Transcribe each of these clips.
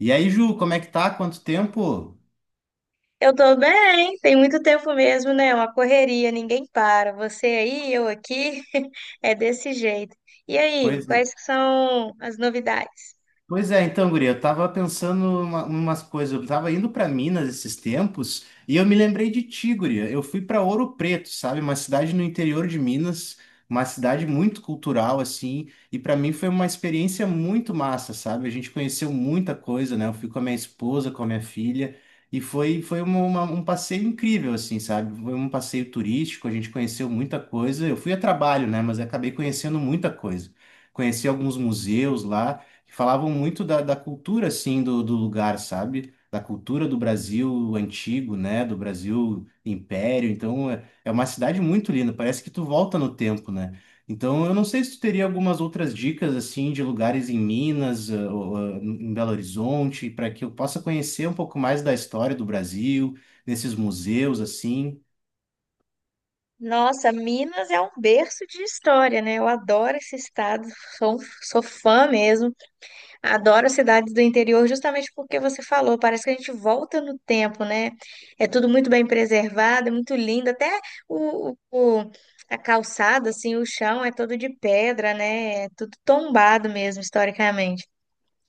E aí, Ju, como é que tá? Quanto tempo? Eu tô bem, tem muito tempo mesmo, né? Uma correria, ninguém para. Você aí, eu aqui, é desse jeito. E aí, Pois quais que são as novidades? Pois é, então, guria, eu tava pensando umas coisas, eu tava indo para Minas esses tempos e eu me lembrei de ti, guria. Eu fui para Ouro Preto, sabe? Uma cidade no interior de Minas, uma cidade muito cultural assim, e para mim foi uma experiência muito massa, sabe? A gente conheceu muita coisa, né? Eu fui com a minha esposa, com a minha filha, e foi um passeio incrível assim, sabe? Foi um passeio turístico, a gente conheceu muita coisa. Eu fui a trabalho, né, mas acabei conhecendo muita coisa. Conheci alguns museus lá que falavam muito da cultura, assim, do lugar, sabe? Da cultura do Brasil antigo, né? Do Brasil Império. Então, é uma cidade muito linda, parece que tu volta no tempo, né? Então, eu não sei se tu teria algumas outras dicas, assim, de lugares em Minas, ou em Belo Horizonte, para que eu possa conhecer um pouco mais da história do Brasil, nesses museus, assim. Nossa, Minas é um berço de história, né? Eu adoro esse estado, sou fã mesmo. Adoro cidades do interior justamente porque você falou, parece que a gente volta no tempo, né? É tudo muito bem preservado, é muito lindo, até o, o- a calçada, assim, o chão é todo de pedra, né? É tudo tombado mesmo, historicamente.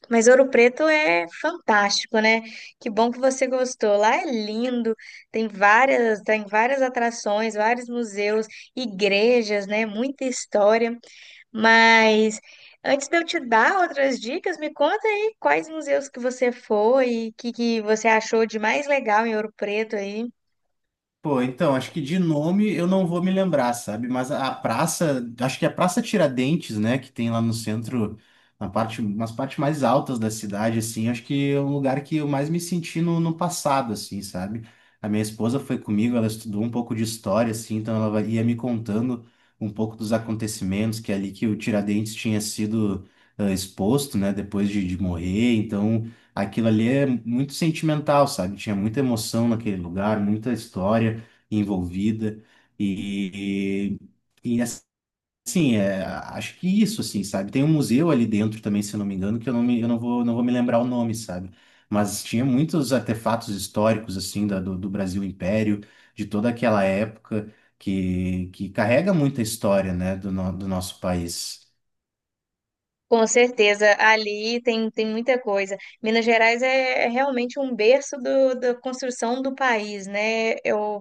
Mas Ouro Preto é fantástico, né? Que bom que você gostou. Lá é lindo, tem várias atrações, vários museus, igrejas, né? Muita história. Mas antes de eu te dar outras dicas, me conta aí quais museus que você foi que você achou de mais legal em Ouro Preto aí. Pô, então, acho que de nome eu não vou me lembrar, sabe? Mas a praça, acho que é a Praça Tiradentes, né? Que tem lá no centro, nas partes mais altas da cidade, assim, acho que é um lugar que eu mais me senti no passado, assim, sabe? A minha esposa foi comigo, ela estudou um pouco de história, assim, então ia me contando um pouco dos acontecimentos que ali que o Tiradentes tinha sido exposto, né? Depois de morrer, então aquilo ali é muito sentimental, sabe? Tinha muita emoção naquele lugar, muita história envolvida e, e assim, acho que isso, assim, sabe? Tem um museu ali dentro também, se eu não me engano, que eu não me, eu não vou, não vou me lembrar o nome, sabe? Mas tinha muitos artefatos históricos, assim, do Brasil Império, de toda aquela época, que carrega muita história, né, do nosso país. Com certeza, tem muita coisa. Minas Gerais é realmente um berço da construção do país, né? Eu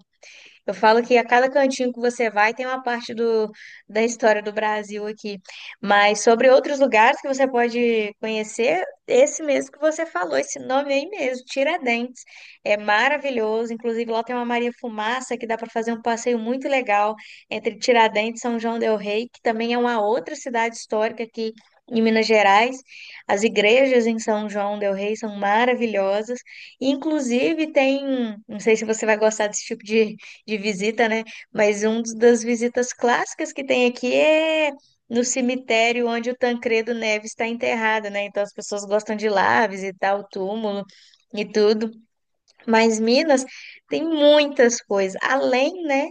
Eu falo que a cada cantinho que você vai tem uma parte da história do Brasil aqui. Mas sobre outros lugares que você pode conhecer, esse mesmo que você falou, esse nome aí mesmo, Tiradentes. É maravilhoso. Inclusive, lá tem uma Maria Fumaça que dá para fazer um passeio muito legal entre Tiradentes e São João del Rei, que também é uma outra cidade histórica aqui em Minas Gerais. As igrejas em São João del Rei são maravilhosas. Inclusive, tem, não sei se você vai gostar desse tipo de visita, né? Mas uma das visitas clássicas que tem aqui é no cemitério onde o Tancredo Neves está enterrado, né? Então as pessoas gostam de ir lá visitar o túmulo e tudo. Mas Minas tem muitas coisas, além, né,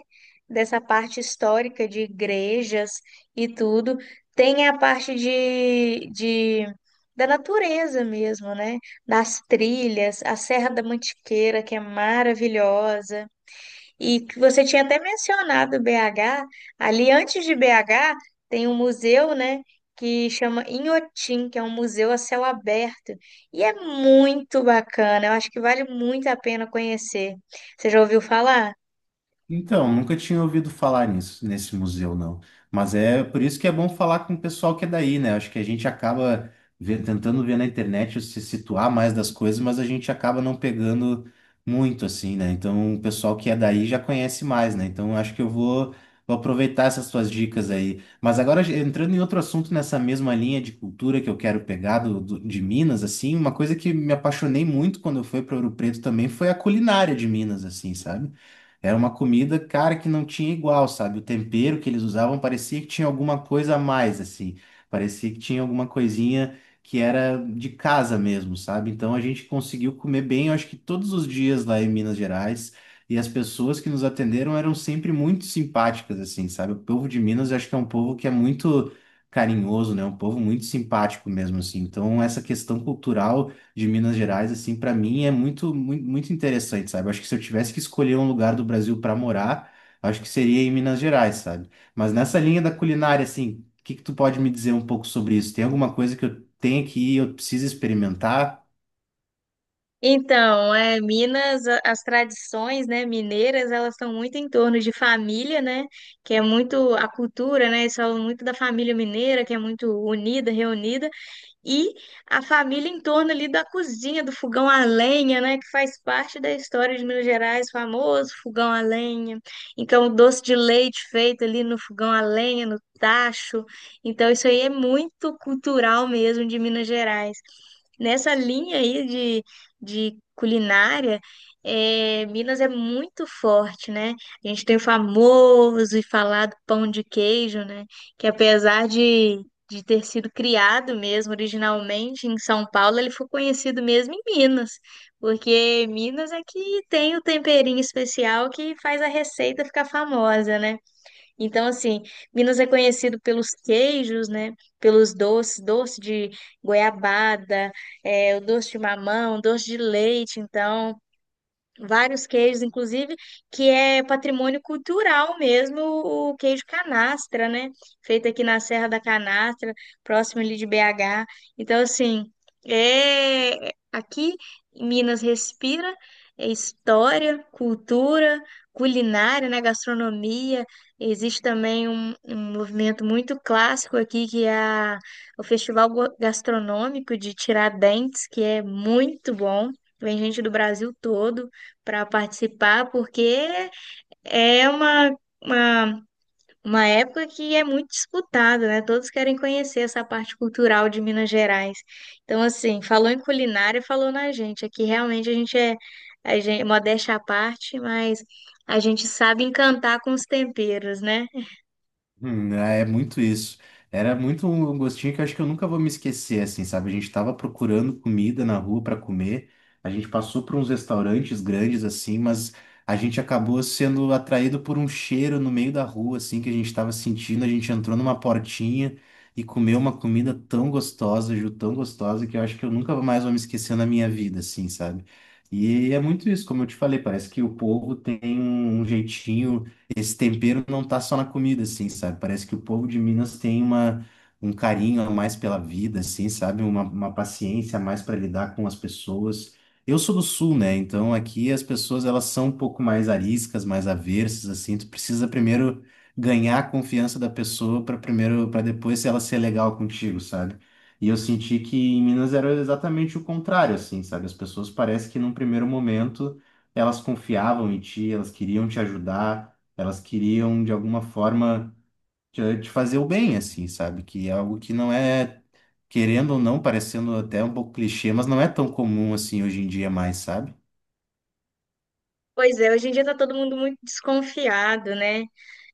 dessa parte histórica de igrejas e tudo, tem a parte de da natureza mesmo, né? Das trilhas, a Serra da Mantiqueira, que é maravilhosa. E que você tinha até mencionado BH, ali antes de BH tem um museu, né, que chama Inhotim, que é um museu a céu aberto, e é muito bacana, eu acho que vale muito a pena conhecer. Você já ouviu falar? Então, nunca tinha ouvido falar nisso, nesse museu, não. Mas é por isso que é bom falar com o pessoal que é daí, né? Acho que a gente acaba tentando ver na internet se situar mais das coisas, mas a gente acaba não pegando muito, assim, né? Então, o pessoal que é daí já conhece mais, né? Então, acho que vou aproveitar essas suas dicas aí. Mas agora, entrando em outro assunto nessa mesma linha de cultura que eu quero pegar de Minas, assim, uma coisa que me apaixonei muito quando eu fui para Ouro Preto também foi a culinária de Minas, assim, sabe? Era uma comida, cara, que não tinha igual, sabe? O tempero que eles usavam parecia que tinha alguma coisa a mais, assim. Parecia que tinha alguma coisinha que era de casa mesmo, sabe? Então a gente conseguiu comer bem, eu acho que todos os dias lá em Minas Gerais. E as pessoas que nos atenderam eram sempre muito simpáticas, assim, sabe? O povo de Minas, eu acho que é um povo que é muito carinhoso, né? Um povo muito simpático mesmo, assim. Então, essa questão cultural de Minas Gerais, assim, para mim é muito, muito, muito interessante, sabe? Acho que se eu tivesse que escolher um lugar do Brasil para morar, acho que seria em Minas Gerais, sabe? Mas nessa linha da culinária, assim, o que que tu pode me dizer um pouco sobre isso? Tem alguma coisa que eu tenho que ir, eu preciso experimentar? Então, é, Minas, as tradições, né, mineiras, elas estão muito em torno de família, né, que é muito a cultura, né, eles falam muito da família mineira, que é muito unida, reunida, e a família em torno ali da cozinha, do fogão a lenha, né, que faz parte da história de Minas Gerais, famoso fogão a lenha. Então, o doce de leite feito ali no fogão a lenha, no tacho. Então, isso aí é muito cultural mesmo de Minas Gerais. Nessa linha aí de culinária, é, Minas é muito forte, né? A gente tem o famoso e falado pão de queijo, né? Que apesar de ter sido criado mesmo originalmente em São Paulo, ele foi conhecido mesmo em Minas, porque Minas é que tem o temperinho especial que faz a receita ficar famosa, né? Então, assim, Minas é conhecido pelos queijos, né? Pelos doces, doce de goiabada, é, o doce de mamão, doce de leite, então vários queijos, inclusive, que é patrimônio cultural mesmo, o queijo canastra, né? Feito aqui na Serra da Canastra, próximo ali de BH. Então, assim, é aqui Minas respira é história, cultura, culinária, né? Gastronomia. Existe também um movimento muito clássico aqui que é o Festival Gastronômico de Tiradentes, que é muito bom. Vem gente do Brasil todo para participar, porque é uma, uma época que é muito disputada, né? Todos querem conhecer essa parte cultural de Minas Gerais. Então, assim, falou em culinária, falou na gente. Aqui realmente a gente, modéstia à parte, mas a gente sabe encantar com os temperos, né? É muito isso. Era muito um gostinho que eu acho que eu nunca vou me esquecer, assim, sabe? A gente tava procurando comida na rua para comer, a gente passou por uns restaurantes grandes, assim, mas a gente acabou sendo atraído por um cheiro no meio da rua, assim, que a gente tava sentindo. A gente entrou numa portinha e comeu uma comida tão gostosa, Ju, tão gostosa, que eu acho que eu nunca mais vou me esquecer na minha vida, assim, sabe? E é muito isso, como eu te falei, parece que o povo tem um jeitinho, esse tempero não tá só na comida, assim, sabe? Parece que o povo de Minas tem um carinho a mais pela vida, assim, sabe? Uma paciência a mais para lidar com as pessoas. Eu sou do Sul, né? Então aqui as pessoas elas são um pouco mais ariscas, mais aversas, assim. Tu precisa primeiro ganhar a confiança da pessoa para depois ela ser legal contigo, sabe? E eu senti que em Minas era exatamente o contrário, assim, sabe? As pessoas parece que num primeiro momento elas confiavam em ti, elas queriam te ajudar. Elas queriam, de alguma forma, te fazer o bem, assim, sabe? Que é algo que não é, querendo ou não, parecendo até um pouco clichê, mas não é tão comum assim hoje em dia mais, sabe? Pois é, hoje em dia tá todo mundo muito desconfiado, né?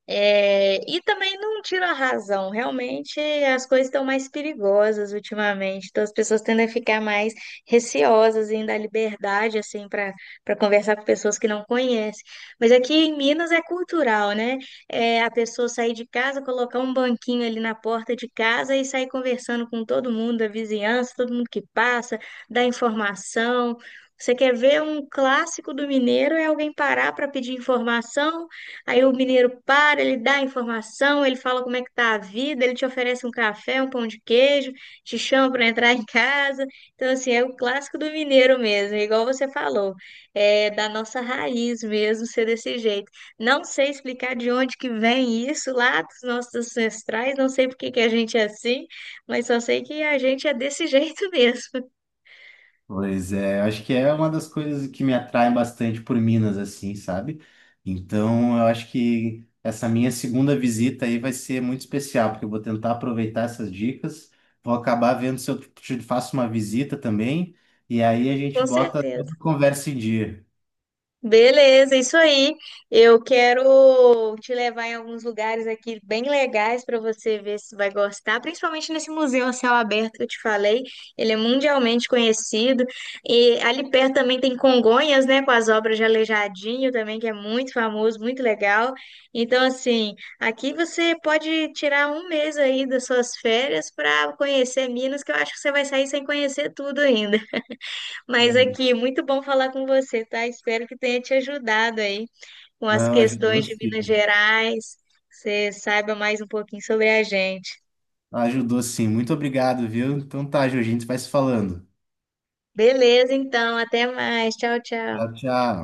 É, e também não tira a razão, realmente as coisas estão mais perigosas ultimamente, então as pessoas tendem a ficar mais receosas em dar liberdade assim para conversar com pessoas que não conhecem. Mas aqui em Minas é cultural, né? É a pessoa sair de casa, colocar um banquinho ali na porta de casa e sair conversando com todo mundo da vizinhança, todo mundo que passa, dar informação. Você quer ver um clássico do mineiro é alguém parar para pedir informação. Aí o mineiro para, ele dá a informação, ele fala como é que tá a vida, ele te oferece um café, um pão de queijo, te chama para entrar em casa. Então, assim, é o clássico do mineiro mesmo, é igual você falou, é da nossa raiz mesmo ser desse jeito. Não sei explicar de onde que vem isso lá dos nossos ancestrais, não sei por que que a gente é assim, mas só sei que a gente é desse jeito mesmo, Pois é, acho que é uma das coisas que me atrai bastante por Minas, assim, sabe? Então, eu acho que essa minha segunda visita aí vai ser muito especial, porque eu vou tentar aproveitar essas dicas, vou acabar vendo se eu te faço uma visita também, e aí a gente com bota certeza. toda a conversa em dia. Beleza, isso aí. Eu quero Vou te levar em alguns lugares aqui bem legais para você ver se vai gostar, principalmente nesse museu a céu aberto que eu te falei. Ele é mundialmente conhecido. E ali perto também tem Congonhas, né, com as obras de Aleijadinho também, que é muito famoso, muito legal. Então, assim, aqui você pode tirar um mês aí das suas férias para conhecer Minas, que eu acho que você vai sair sem conhecer tudo ainda. Mas aqui, muito bom falar com você, tá? Espero que tenha te ajudado aí com as Não, ajudou questões de Minas sim. Gerais, você saiba mais um pouquinho sobre a gente. Ajudou sim. Muito obrigado, viu? Então tá, Jorginho, a gente vai se falando. Beleza, então, até mais. Tchau, tchau. Tchau, tchau.